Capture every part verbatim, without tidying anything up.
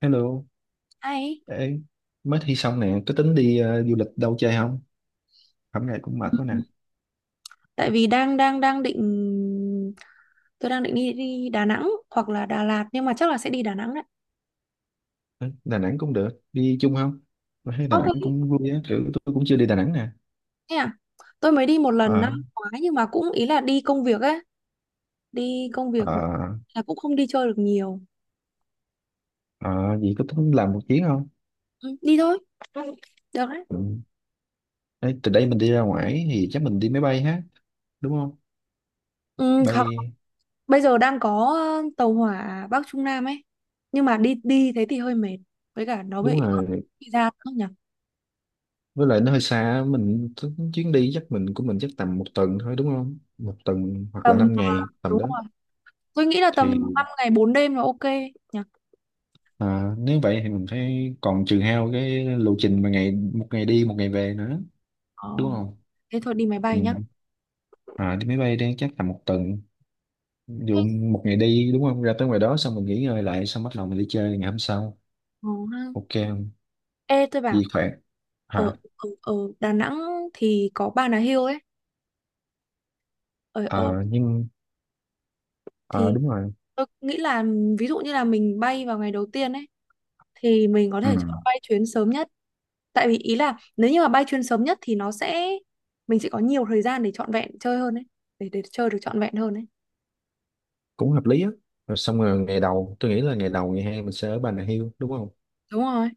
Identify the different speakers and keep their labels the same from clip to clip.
Speaker 1: Hello,
Speaker 2: Hay.
Speaker 1: ê, mới thi xong nè, có tính đi ờ, du lịch đâu chơi không? Hôm nay cũng mệt
Speaker 2: Ừ.
Speaker 1: quá nè.
Speaker 2: Tại vì đang đang đang định tôi đang định đi đi Đà Nẵng hoặc là Đà Lạt, nhưng mà chắc là sẽ đi Đà Nẵng đấy.
Speaker 1: Ê, Đà Nẵng cũng được, đi chung không? Tôi thấy Đà Nẵng
Speaker 2: Ok.
Speaker 1: cũng vui á, kiểu tôi cũng chưa đi Đà Nẵng nè.
Speaker 2: Thế à? Tôi mới đi một lần
Speaker 1: Ờ,
Speaker 2: năm ngoái nhưng mà cũng ý là đi công việc ấy, đi công việc
Speaker 1: ờ,
Speaker 2: là cũng không đi chơi được nhiều.
Speaker 1: ờ, vậy có tính làm một chuyến không?
Speaker 2: Ừ, đi thôi, được đấy.
Speaker 1: Ừ. Ê, từ đây mình đi ra ngoài thì chắc mình đi máy bay ha, đúng không?
Speaker 2: Ừ, hoặc
Speaker 1: Bay,
Speaker 2: bây giờ đang có ờ, tàu hỏa Bắc Trung Nam ấy. Nhưng mà đi đi thế thì hơi mệt. Với cả nó bị
Speaker 1: đúng
Speaker 2: ướt
Speaker 1: rồi,
Speaker 2: bị ra nữa nhỉ.
Speaker 1: với lại nó hơi xa, mình tính chuyến đi chắc mình của mình chắc tầm một tuần thôi đúng không? Một tuần hoặc là
Speaker 2: Tầm
Speaker 1: năm ngày tầm
Speaker 2: Đúng
Speaker 1: đó.
Speaker 2: rồi. Tôi nghĩ là tầm
Speaker 1: Thì.
Speaker 2: năm ngày bốn đêm là ok nhỉ.
Speaker 1: À, nếu vậy thì mình phải còn trừ hao cái lộ trình mà ngày một ngày đi một ngày về nữa
Speaker 2: Ờ.
Speaker 1: đúng không?
Speaker 2: Thế thôi đi máy
Speaker 1: Ừ.
Speaker 2: bay nhá.
Speaker 1: À, đi máy bay đang chắc tầm một tuần, ví dụ một ngày đi đúng không, ra tới ngoài đó xong mình nghỉ ngơi lại, xong bắt đầu mình đi chơi ngày hôm sau,
Speaker 2: Ờ, ha.
Speaker 1: ok không?
Speaker 2: Ê, tôi bảo
Speaker 1: Vì khỏe.
Speaker 2: ở,
Speaker 1: Hả?
Speaker 2: ở, ở Đà Nẵng thì có Bà Nà Hills ấy. Ở, ở
Speaker 1: À, nhưng à,
Speaker 2: thì
Speaker 1: đúng rồi.
Speaker 2: tôi nghĩ là ví dụ như là mình bay vào ngày đầu tiên ấy thì mình có thể chọn
Speaker 1: Ừ,
Speaker 2: bay chuyến sớm nhất. Tại vì ý là nếu như mà bay chuyến sớm nhất thì nó sẽ mình sẽ có nhiều thời gian để trọn vẹn chơi hơn ấy, để để chơi được trọn vẹn hơn ấy.
Speaker 1: cũng hợp lý á. Rồi xong rồi, ngày đầu tôi nghĩ là ngày đầu ngày hai mình sẽ ở Bà Nà Hills đúng không?
Speaker 2: Đúng rồi.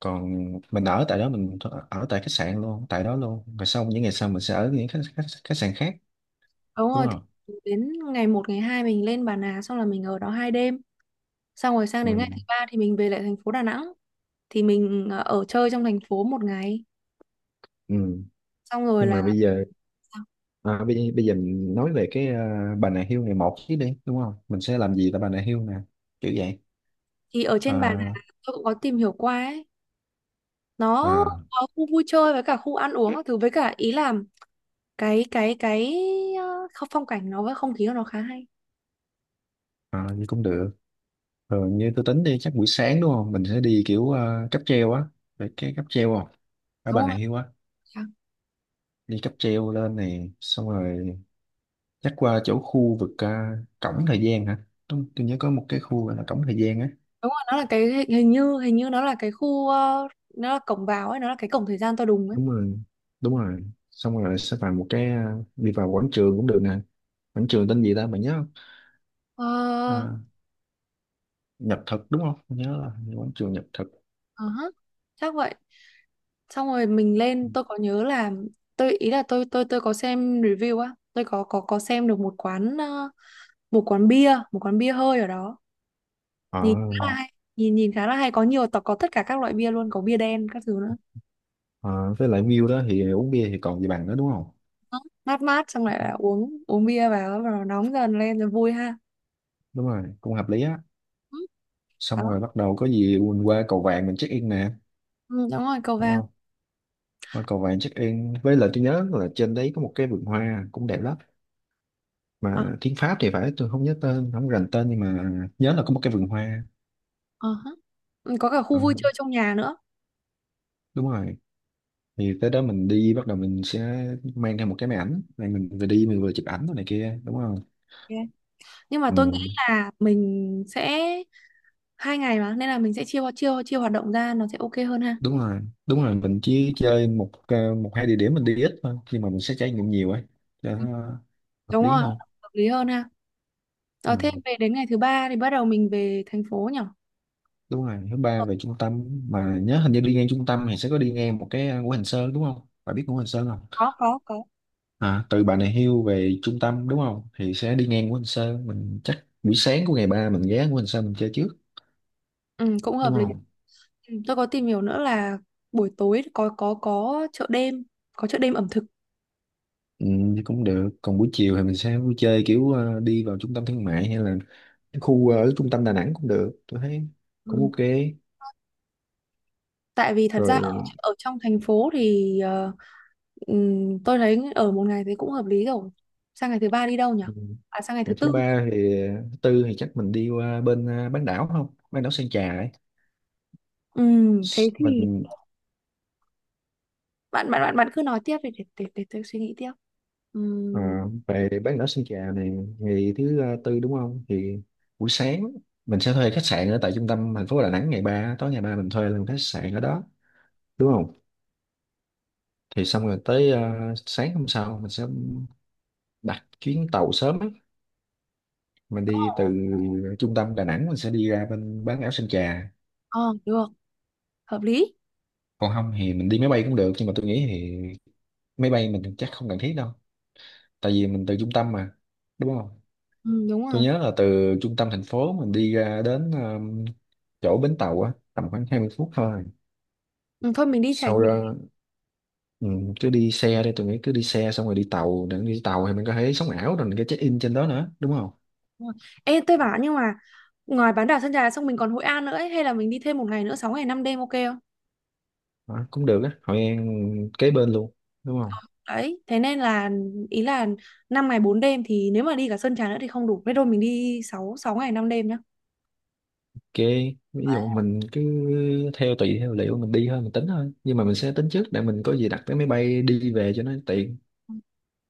Speaker 1: Còn mình ở tại đó, mình th- ở tại khách sạn luôn tại đó luôn, rồi xong những ngày sau mình sẽ ở những khách khách, khách sạn khác
Speaker 2: Đúng
Speaker 1: đúng
Speaker 2: rồi,
Speaker 1: không?
Speaker 2: thì đến ngày một ngày hai mình lên Bà Nà, xong là mình ở đó hai đêm. Xong rồi sang
Speaker 1: Ừ.
Speaker 2: đến ngày thứ ba thì mình về lại thành phố Đà Nẵng. Thì mình ờ, ở chơi trong thành phố một ngày
Speaker 1: Ừ.
Speaker 2: xong rồi
Speaker 1: Nhưng mà
Speaker 2: là
Speaker 1: bây giờ, à, bây, bây giờ mình nói về cái, à, Bà Nà Hills này một chứ đi đúng không, mình sẽ làm gì tại Bà Nà Hills nè, kiểu vậy.
Speaker 2: thì ở trên Bà Nà
Speaker 1: à,
Speaker 2: tôi cũng có tìm hiểu qua ấy, nó
Speaker 1: à,
Speaker 2: có khu vui chơi với cả khu ăn uống các thứ, với cả ý là cái cái cái ờ, không- phong cảnh nó với không khí của nó khá hay.
Speaker 1: à, Như cũng được. Rồi như tôi tính đi chắc buổi sáng đúng không, mình sẽ đi kiểu, à, cáp treo á, về cái cáp treo không, ở
Speaker 2: Đúng
Speaker 1: Bà Nà
Speaker 2: rồi.
Speaker 1: Hills á.
Speaker 2: À,
Speaker 1: Đi cáp treo lên này xong rồi chắc qua chỗ khu vực, à, cổng thời gian hả. Đúng, tôi nhớ có một cái khu gọi là cổng thời gian á.
Speaker 2: đúng rồi, nó là cái hình hình như hình như nó là cái khu ờ, nó là cổng vào ấy, nó là cái cổng thời gian to đùng ấy.
Speaker 1: Đúng rồi, đúng rồi, xong rồi sẽ vào một cái, à, đi vào quảng trường cũng được nè. Quảng trường tên gì ta, mày nhớ không?
Speaker 2: ờ
Speaker 1: À, Nhật Thực đúng không? Mình nhớ là hình quảng trường Nhật Thực.
Speaker 2: ờ hả, chắc vậy. Xong rồi mình lên, tôi có nhớ là, tôi ý là tôi tôi tôi có xem review á, tôi có có có xem được một quán ờ, một quán bia một quán bia hơi ở đó,
Speaker 1: Ờ.
Speaker 2: nhìn khá là hay, nhìn nhìn khá là hay, có nhiều tộc, có tất cả các loại bia luôn, có bia đen các thứ nữa.
Speaker 1: À, với lại view đó thì uống bia thì còn gì bằng nữa đúng không?
Speaker 2: Đó, mát mát xong lại là uống uống bia vào rồi nóng dần lên rồi vui ha.
Speaker 1: Đúng rồi, cũng hợp lý á.
Speaker 2: Ừ,
Speaker 1: Xong
Speaker 2: đó.
Speaker 1: rồi bắt đầu có gì mình qua cầu vàng mình check in nè,
Speaker 2: Ừ, đúng rồi, cầu
Speaker 1: đúng
Speaker 2: vàng.
Speaker 1: không? Qua cầu vàng check in, với lại tôi nhớ là trên đấy có một cái vườn hoa cũng đẹp lắm,
Speaker 2: Ờ,
Speaker 1: mà tiếng Pháp thì phải, tôi không nhớ tên, không rành tên, nhưng mà nhớ là có một cái vườn hoa.
Speaker 2: ờ hả. Ừ, có cả khu
Speaker 1: Ừ,
Speaker 2: vui chơi trong nhà nữa.
Speaker 1: đúng rồi. Thì tới đó mình đi, bắt đầu mình sẽ mang theo một cái máy ảnh này, mình vừa đi mình vừa chụp ảnh rồi này kia đúng không?
Speaker 2: Ok. Nhưng mà
Speaker 1: Ừ.
Speaker 2: tôi nghĩ là mình sẽ hai ngày, mà nên là mình sẽ chia chia chia hoạt động ra, nó sẽ ok hơn ha.
Speaker 1: Đúng rồi, đúng rồi, mình chỉ chơi một, ờ, một hai địa điểm, mình đi ít thôi nhưng mà mình sẽ trải nghiệm nhiều ấy cho
Speaker 2: Ừ,
Speaker 1: nó hợp
Speaker 2: đúng
Speaker 1: lý
Speaker 2: rồi,
Speaker 1: hơn.
Speaker 2: hợp lý hơn ha.
Speaker 1: Ừ.
Speaker 2: Ờ, thế về đến ngày thứ ba thì bắt đầu mình về thành phố nhỉ.
Speaker 1: Đúng rồi, thứ ba
Speaker 2: Ờ,
Speaker 1: về trung tâm. Mà nhớ hình như đi ngang trung tâm thì sẽ có đi ngang một cái, ờ, Ngũ Hành Sơn đúng không, bạn biết Ngũ Hành Sơn không?
Speaker 2: có có có.
Speaker 1: À, từ Bà Nà Hills về trung tâm đúng không thì sẽ đi ngang Ngũ Hành Sơn, mình chắc buổi sáng của ngày ba mình ghé Ngũ Hành Sơn mình chơi trước
Speaker 2: Ừ, cũng
Speaker 1: đúng
Speaker 2: hợp lý.
Speaker 1: không?
Speaker 2: Ừ, tôi có tìm hiểu nữa là buổi tối có có có chợ đêm, có chợ đêm ẩm thực.
Speaker 1: Ừ, thì cũng được. Còn buổi chiều thì mình sẽ vui chơi kiểu, ờ, đi vào trung tâm thương mại, hay là cái khu, ờ, ở trung tâm Đà Nẵng cũng được tôi thấy cũng
Speaker 2: Ừ.
Speaker 1: ok.
Speaker 2: Tại vì thật ra ở,
Speaker 1: Rồi.
Speaker 2: ở trong thành phố thì ờ, ừm, tôi thấy ở một ngày thì cũng hợp lý rồi. Sang ngày thứ ba đi đâu nhỉ?
Speaker 1: Ừ,
Speaker 2: À, sang ngày thứ
Speaker 1: ngày thứ
Speaker 2: tư.
Speaker 1: ba thì, thứ tư thì chắc mình đi qua bên, à, bán đảo, không, bán đảo Sơn Trà ấy.
Speaker 2: Ừm, thế
Speaker 1: S-
Speaker 2: thì
Speaker 1: mình,
Speaker 2: bạn bạn bạn bạn cứ nói tiếp đi để để để tôi suy nghĩ tiếp. Ừm,
Speaker 1: à, về bán đảo Sơn Trà này, ngày thứ, à, tư đúng không, thì buổi sáng mình sẽ thuê khách sạn ở tại trung tâm thành phố Đà Nẵng, ngày ba tối ngày ba mình thuê luôn khách sạn ở đó đúng không? Thì xong rồi tới, à, sáng hôm sau mình sẽ đặt chuyến tàu sớm á, mình đi từ trung tâm Đà Nẵng mình sẽ đi ra bên bán đảo Sơn Trà.
Speaker 2: ờ, được, hợp lý.
Speaker 1: Còn không thì mình đi máy bay cũng được, nhưng mà tôi nghĩ thì máy bay mình chắc không cần thiết đâu, tại vì mình từ trung tâm mà đúng không.
Speaker 2: Ừ, đúng
Speaker 1: Tôi
Speaker 2: rồi.
Speaker 1: nhớ là từ trung tâm thành phố mình đi ra đến, um, chỗ bến tàu á tầm khoảng hai mươi phút thôi.
Speaker 2: Ừ, thôi mình đi trải
Speaker 1: Sau
Speaker 2: nghiệm.
Speaker 1: đó, ừ, cứ đi xe đi, tôi nghĩ cứ đi xe xong rồi đi tàu, để đi tàu thì mình có thể sống ảo, rồi mình có check in trên đó nữa đúng không?
Speaker 2: Đúng rồi. Ê, tôi bảo, nhưng mà ngoài bán đảo Sơn Trà xong mình còn Hội An nữa ấy, hay là mình đi thêm một ngày nữa, sáu ngày năm đêm ok.
Speaker 1: Đó, cũng được á, Hội An kế bên luôn đúng không?
Speaker 2: Đấy, thế nên là ý là năm ngày bốn đêm thì nếu mà đi cả Sơn Trà nữa thì không đủ. Thế thôi mình đi sáu sáu ngày năm đêm nhá.
Speaker 1: Ok, ví dụ
Speaker 2: Đấy.
Speaker 1: mình cứ theo, tùy theo liệu mình đi thôi, mình tính thôi nhưng mà mình sẽ tính trước để mình có gì đặt vé máy bay đi về cho nó tiện.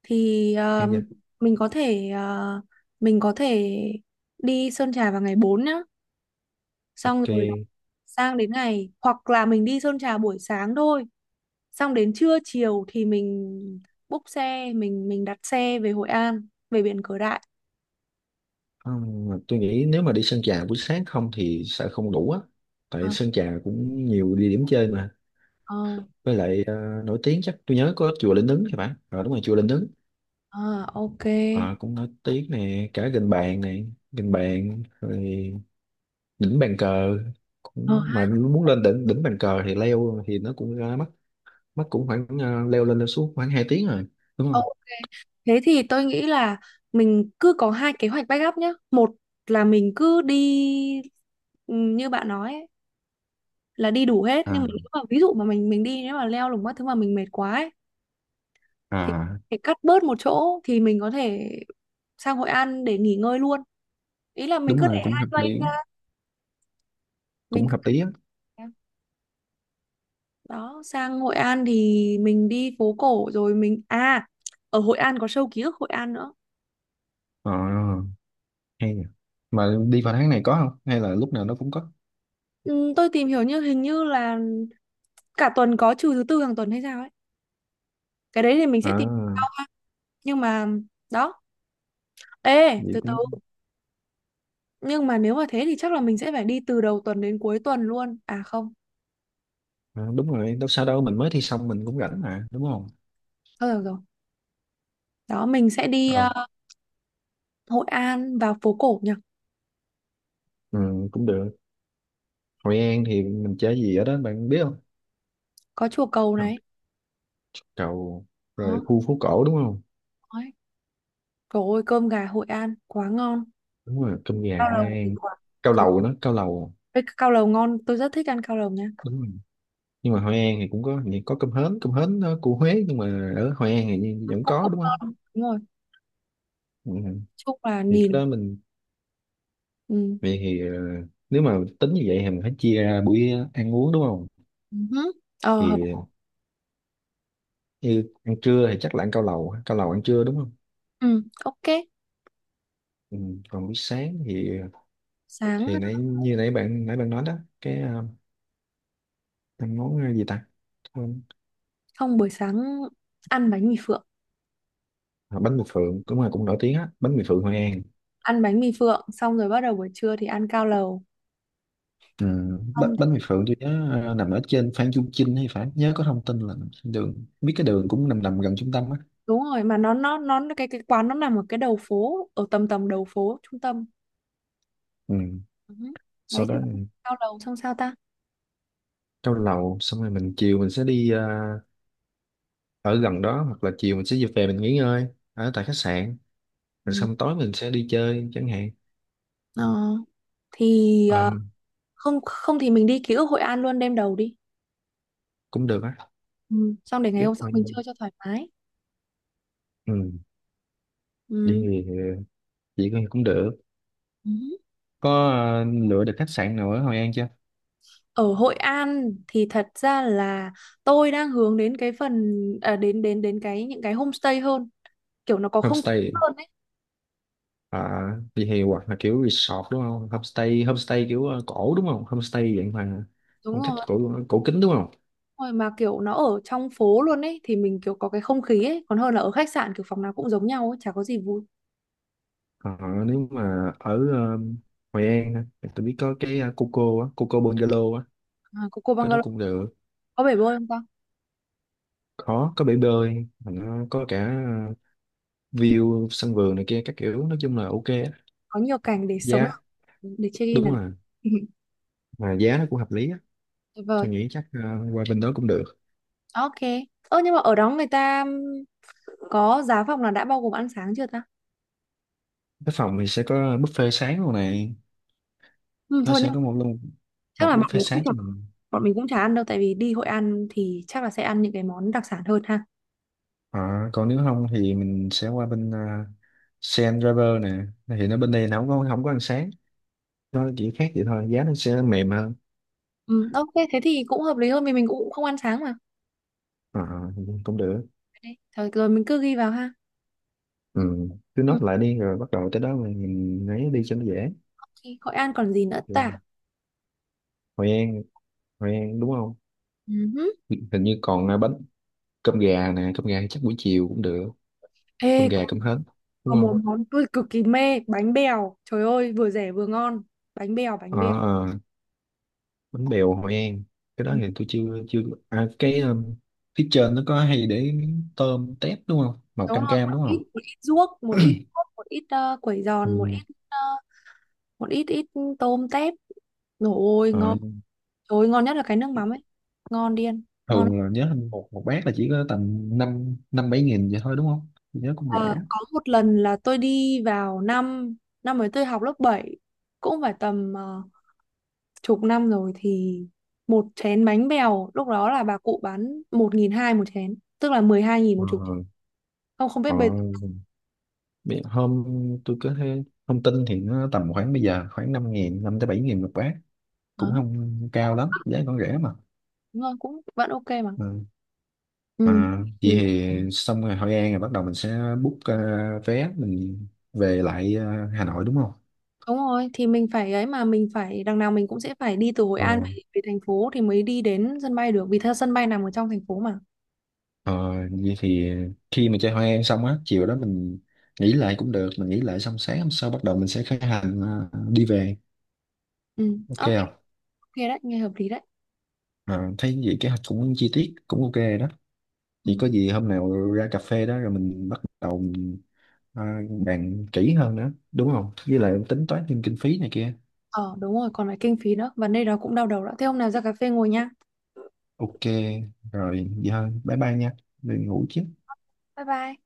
Speaker 2: Thì
Speaker 1: Được
Speaker 2: ờ,
Speaker 1: chưa?
Speaker 2: mình có thể ờ, mình có thể đi Sơn Trà vào ngày bốn nhá. Xong
Speaker 1: Ok.
Speaker 2: rồi là sang đến ngày, hoặc là mình đi Sơn Trà buổi sáng thôi. Xong đến trưa chiều thì mình búc xe, mình mình đặt xe về Hội An, về biển Cửa Đại.
Speaker 1: Ừm, mà tôi nghĩ nếu mà đi Sơn Trà buổi sáng không thì sợ không đủ á, tại
Speaker 2: Ờ,
Speaker 1: Sơn Trà cũng nhiều địa điểm chơi mà.
Speaker 2: ờ,
Speaker 1: Với lại, ờ, nổi tiếng chắc tôi nhớ có chùa Linh Ứng thì phải, ờ, đúng rồi, chùa Linh Ứng.
Speaker 2: ờ, ok.
Speaker 1: Ờ cũng nổi tiếng nè, cả Gành Bàn này, Gành Bàn, rồi đỉnh bàn cờ
Speaker 2: Ờ.
Speaker 1: cũng, mà muốn lên đỉnh đỉnh bàn cờ thì leo thì nó cũng ra mắc, mất cũng khoảng, ờ, leo lên leo xuống khoảng hai tiếng rồi đúng
Speaker 2: Ok.
Speaker 1: không?
Speaker 2: Thế thì tôi nghĩ là mình cứ có hai kế hoạch backup nhá. Một là mình cứ đi ừ, như bạn nói ấy, là đi đủ hết,
Speaker 1: À.
Speaker 2: nhưng mà nếu mà ví dụ mà mình mình đi nếu mà leo lủng các thứ mà mình mệt quá ấy, thì
Speaker 1: À.
Speaker 2: thì cắt bớt một chỗ thì mình có thể sang Hội An để nghỉ ngơi luôn. Ý là mình
Speaker 1: Đúng
Speaker 2: cứ để
Speaker 1: rồi cũng
Speaker 2: hai
Speaker 1: hợp
Speaker 2: plan
Speaker 1: lý,
Speaker 2: ra, mình
Speaker 1: cũng
Speaker 2: cứ
Speaker 1: hợp lý á.
Speaker 2: đó sang Hội An thì mình đi phố cổ rồi mình à ở Hội An có show ký ức Hội An nữa.
Speaker 1: Ờ, hay nhỉ. Mà đi vào tháng này có không hay là lúc nào nó cũng có?
Speaker 2: Ừ, tôi tìm hiểu như hình như là cả tuần có, trừ thứ tư hàng tuần hay sao ấy, cái đấy thì mình sẽ tìm sau,
Speaker 1: À,
Speaker 2: nhưng mà đó, ê
Speaker 1: vậy
Speaker 2: từ từ,
Speaker 1: cũng,
Speaker 2: nhưng mà nếu mà thế thì chắc là mình sẽ phải đi từ đầu tuần đến cuối tuần luôn, à không,
Speaker 1: à, đúng rồi, đâu sao đâu, mình mới thi xong mình cũng rảnh mà đúng không?
Speaker 2: thôi được rồi. Đó mình sẽ đi
Speaker 1: Ờ.
Speaker 2: ờ, Hội An vào phố cổ nhỉ.
Speaker 1: Ừ, cũng được. Hội An thì mình chơi gì ở đó bạn biết không?
Speaker 2: Có chùa Cầu
Speaker 1: Không.
Speaker 2: này.
Speaker 1: Cầu, rồi
Speaker 2: Đó.
Speaker 1: khu phố cổ đúng không?
Speaker 2: Đấy. Trời ơi, cơm gà Hội An quá ngon.
Speaker 1: Đúng rồi, cơm gà
Speaker 2: Cao
Speaker 1: Hội
Speaker 2: lầu thì
Speaker 1: An.
Speaker 2: quá.
Speaker 1: Cao
Speaker 2: Trời
Speaker 1: lầu nữa, cao lầu.
Speaker 2: ơi, cao lầu ngon, tôi rất thích ăn cao lầu nha.
Speaker 1: Đúng rồi. Nhưng mà Hội An thì cũng có thì có cơm hến, cơm hến, ờ, của Huế nhưng mà ở Hội An thì vẫn
Speaker 2: Cũng
Speaker 1: có
Speaker 2: cũng
Speaker 1: đúng không?
Speaker 2: ngon, đúng rồi.
Speaker 1: Ừ.
Speaker 2: Chúc là
Speaker 1: Thì cái
Speaker 2: nhìn.
Speaker 1: đó mình,
Speaker 2: Ừ.
Speaker 1: vậy thì, ờ, nếu mà tính như vậy thì mình phải chia ra buổi ăn uống đúng không?
Speaker 2: Ừ. Ờ
Speaker 1: Thì
Speaker 2: hợp.
Speaker 1: như ăn trưa thì chắc là ăn cao lầu ha, cao lầu ăn trưa đúng không?
Speaker 2: Ừ. Ok.
Speaker 1: Ừ. Còn buổi sáng thì
Speaker 2: Sáng.
Speaker 1: thì nãy như nãy bạn nãy bạn nói đó, cái, ờ, ăn món, ờ, gì ta. Quên.
Speaker 2: Không, buổi sáng ăn bánh mì phượng.
Speaker 1: À, bánh mì phượng cũng là cũng nổi tiếng á, bánh mì phượng Hội An.
Speaker 2: Ăn bánh mì phượng xong rồi bắt đầu buổi trưa thì ăn cao lầu.
Speaker 1: Ừ, bánh,
Speaker 2: Không
Speaker 1: bánh mì
Speaker 2: thì-
Speaker 1: Phượng tôi nhớ, ờ, nằm ở trên Phan Chu Trinh hay phải, nhớ có thông tin là nằm trên đường, biết cái đường cũng nằm nằm gần trung tâm á.
Speaker 2: đúng rồi, mà nó nó nó cái cái quán nó nằm ở cái đầu phố, ở tầm tầm đầu phố trung tâm.
Speaker 1: Ừ.
Speaker 2: Ừ. Đấy
Speaker 1: Sau
Speaker 2: chứ
Speaker 1: đó mình
Speaker 2: cao lầu xong sao ta?
Speaker 1: cao lầu xong rồi mình chiều mình sẽ đi, ờ, ở gần đó, hoặc là chiều mình sẽ về mình nghỉ ngơi ở tại khách sạn, rồi
Speaker 2: Ừ.
Speaker 1: xong tối mình sẽ đi chơi chẳng hạn.
Speaker 2: Ờ, thì
Speaker 1: Ờ,
Speaker 2: ờ, không không thì mình đi ký ức Hội An luôn đêm đầu đi.
Speaker 1: cũng được á.
Speaker 2: Ừ. Xong để ngày
Speaker 1: Biết
Speaker 2: hôm sau
Speaker 1: thôi.
Speaker 2: mình chơi cho thoải mái.
Speaker 1: Ừ.
Speaker 2: Ừ.
Speaker 1: Đi chị cũng được.
Speaker 2: Ừ.
Speaker 1: Có, ờ, lựa được khách sạn nào ở Hội An chưa?
Speaker 2: Ở Hội An thì thật ra là tôi đang hướng đến cái phần à, đến đến đến cái những cái homestay hơn, kiểu nó có không khí
Speaker 1: Homestay.
Speaker 2: hơn ấy.
Speaker 1: À, vậy thì hoặc là kiểu resort đúng không? Homestay, homestay kiểu, ờ, cổ đúng không? Homestay dạng mà
Speaker 2: Đúng
Speaker 1: phong cách
Speaker 2: rồi.
Speaker 1: cổ cổ kính đúng không?
Speaker 2: Đúng rồi, mà kiểu nó ở trong phố luôn ấy thì mình kiểu có cái không khí ấy, còn hơn là ở khách sạn kiểu phòng nào cũng giống nhau ấy, chả có gì vui.
Speaker 1: Ờ, nếu mà ở, ờ, Hội An á, thì tôi biết có cái, ờ, Coco á, Coco Bungalow á,
Speaker 2: À, cô cô
Speaker 1: cái đó
Speaker 2: bungalow,
Speaker 1: cũng được.
Speaker 2: có bể bơi không ta?
Speaker 1: Có có bể bơi, mà nó có cả, ờ, view sân vườn này kia các kiểu, nói chung là ok á.
Speaker 2: Có nhiều cảnh để sống
Speaker 1: Giá,
Speaker 2: lại, để check in
Speaker 1: đúng
Speaker 2: là
Speaker 1: rồi,
Speaker 2: được.
Speaker 1: mà giá nó cũng hợp lý á.
Speaker 2: Tuyệt vời.
Speaker 1: Tôi nghĩ chắc, ờ, qua bên đó cũng được.
Speaker 2: Ok. Ơ, nhưng mà ở đó người ta có giá phòng là đã bao gồm ăn sáng chưa ta?
Speaker 1: Cái phòng thì sẽ có buffet sáng luôn này,
Speaker 2: Ừ,
Speaker 1: nó
Speaker 2: thôi nhưng
Speaker 1: sẽ
Speaker 2: mà
Speaker 1: có một luôn,
Speaker 2: chắc
Speaker 1: một
Speaker 2: là bọn
Speaker 1: buffet
Speaker 2: mình cũng
Speaker 1: sáng
Speaker 2: chả,
Speaker 1: cho mình.
Speaker 2: bọn mình cũng chả ăn đâu, tại vì đi Hội An thì chắc là sẽ ăn những cái món đặc sản hơn ha.
Speaker 1: À, còn nếu không thì mình sẽ qua bên, uh, Sen Driver nè thì nó bên đây nó không có, không có ánh sáng, nó chỉ khác vậy thôi, giá nó sẽ mềm hơn.
Speaker 2: Ừ, ok, thế thì cũng hợp lý hơn vì mình cũng không ăn sáng mà.
Speaker 1: À, cũng được.
Speaker 2: Đấy, thôi rồi mình cứ ghi vào ha.
Speaker 1: Ừ, cứ nốt
Speaker 2: Ừ,
Speaker 1: lại đi rồi bắt đầu tới đó mình, mình ấy đi cho nó dễ.
Speaker 2: ok, Hội An còn gì nữa
Speaker 1: Rồi.
Speaker 2: ta?
Speaker 1: Hội An, Hội An đúng không,
Speaker 2: Ừ.
Speaker 1: hình như còn, à, bánh, cơm gà nè, cơm gà chắc buổi chiều cũng được, cơm
Speaker 2: Ê, có,
Speaker 1: gà cơm hến đúng
Speaker 2: có
Speaker 1: không?
Speaker 2: một món tôi cực kỳ mê, bánh bèo. Trời ơi, vừa rẻ vừa ngon. Bánh bèo,
Speaker 1: Ờ,
Speaker 2: bánh bèo.
Speaker 1: ờ, bánh bèo Hội An, cái đó
Speaker 2: Ừ,
Speaker 1: thì tôi chưa chưa. À, cái, um, phía trên nó có hay để miếng tôm tép đúng không, màu
Speaker 2: đúng
Speaker 1: cam
Speaker 2: rồi,
Speaker 1: cam
Speaker 2: một
Speaker 1: đúng không?
Speaker 2: ít, một ít ruốc, một ít ruốc, một ít uh, quẩy giòn, một
Speaker 1: Ừ.
Speaker 2: ít ờ, một ít ít tôm tép. Rồi ôi,
Speaker 1: Ờ,
Speaker 2: ngon. Trời ơi, ngon nhất là cái nước mắm ấy. Ngon điên, ngon lắm.
Speaker 1: thường là nhớ hình một một bát là chỉ có tầm năm năm bảy nghìn vậy thôi đúng không? Tôi nhớ cũng rẻ.
Speaker 2: Ờ, có một lần là tôi đi vào năm năm ấy tôi học lớp bảy, cũng phải tầm ờ, chục năm rồi. Thì một chén bánh bèo lúc đó là bà cụ bán một nghìn hai một chén, tức là mười hai nghìn một
Speaker 1: Ờ.
Speaker 2: chục chén. Không không biết
Speaker 1: Ờ.
Speaker 2: bây
Speaker 1: Biết hôm tôi có thấy thông tin thì nó tầm khoảng bây giờ khoảng năm nghìn năm tới bảy nghìn một bát,
Speaker 2: giờ.
Speaker 1: cũng không
Speaker 2: Cũng
Speaker 1: cao lắm, giá còn rẻ mà.
Speaker 2: đúng rồi, cũng vẫn ok mà.
Speaker 1: Ừ.
Speaker 2: Ừ.
Speaker 1: À, vậy
Speaker 2: Thì
Speaker 1: thì xong rồi Hội An rồi bắt đầu mình sẽ book, ờ, vé mình về lại, ờ, Hà Nội đúng không?
Speaker 2: đúng rồi, thì mình phải ấy mà, mình phải đằng nào mình cũng sẽ phải đi từ Hội
Speaker 1: Ờ.
Speaker 2: An về, về thành phố thì mới đi đến sân bay được, vì theo sân bay nằm ở trong thành phố mà.
Speaker 1: Ờ, vậy thì khi mà chơi hoa em xong á, chiều đó mình nghỉ lại cũng được, mình nghỉ lại xong sáng hôm sau bắt đầu mình sẽ khởi hành, ờ, đi về,
Speaker 2: Ừ,
Speaker 1: ok
Speaker 2: ok.
Speaker 1: không?
Speaker 2: Ok, đấy nghe hợp lý đấy.
Speaker 1: Ờ, thấy vậy kế hoạch cũng chi tiết, cũng ok đó.
Speaker 2: Ừ.
Speaker 1: Thì có gì hôm nào ra cà phê đó rồi mình bắt đầu mình, ờ, bàn kỹ hơn nữa, đúng không? Với lại tính toán thêm kinh phí này kia.
Speaker 2: Ờ đúng rồi, còn phải kinh phí nữa, vấn đề đó cũng đau đầu đó, thế hôm nào ra cà phê ngồi nha.
Speaker 1: Ok, rồi vậy thôi, bye bye nha, đi ngủ chứ.
Speaker 2: Bye bye.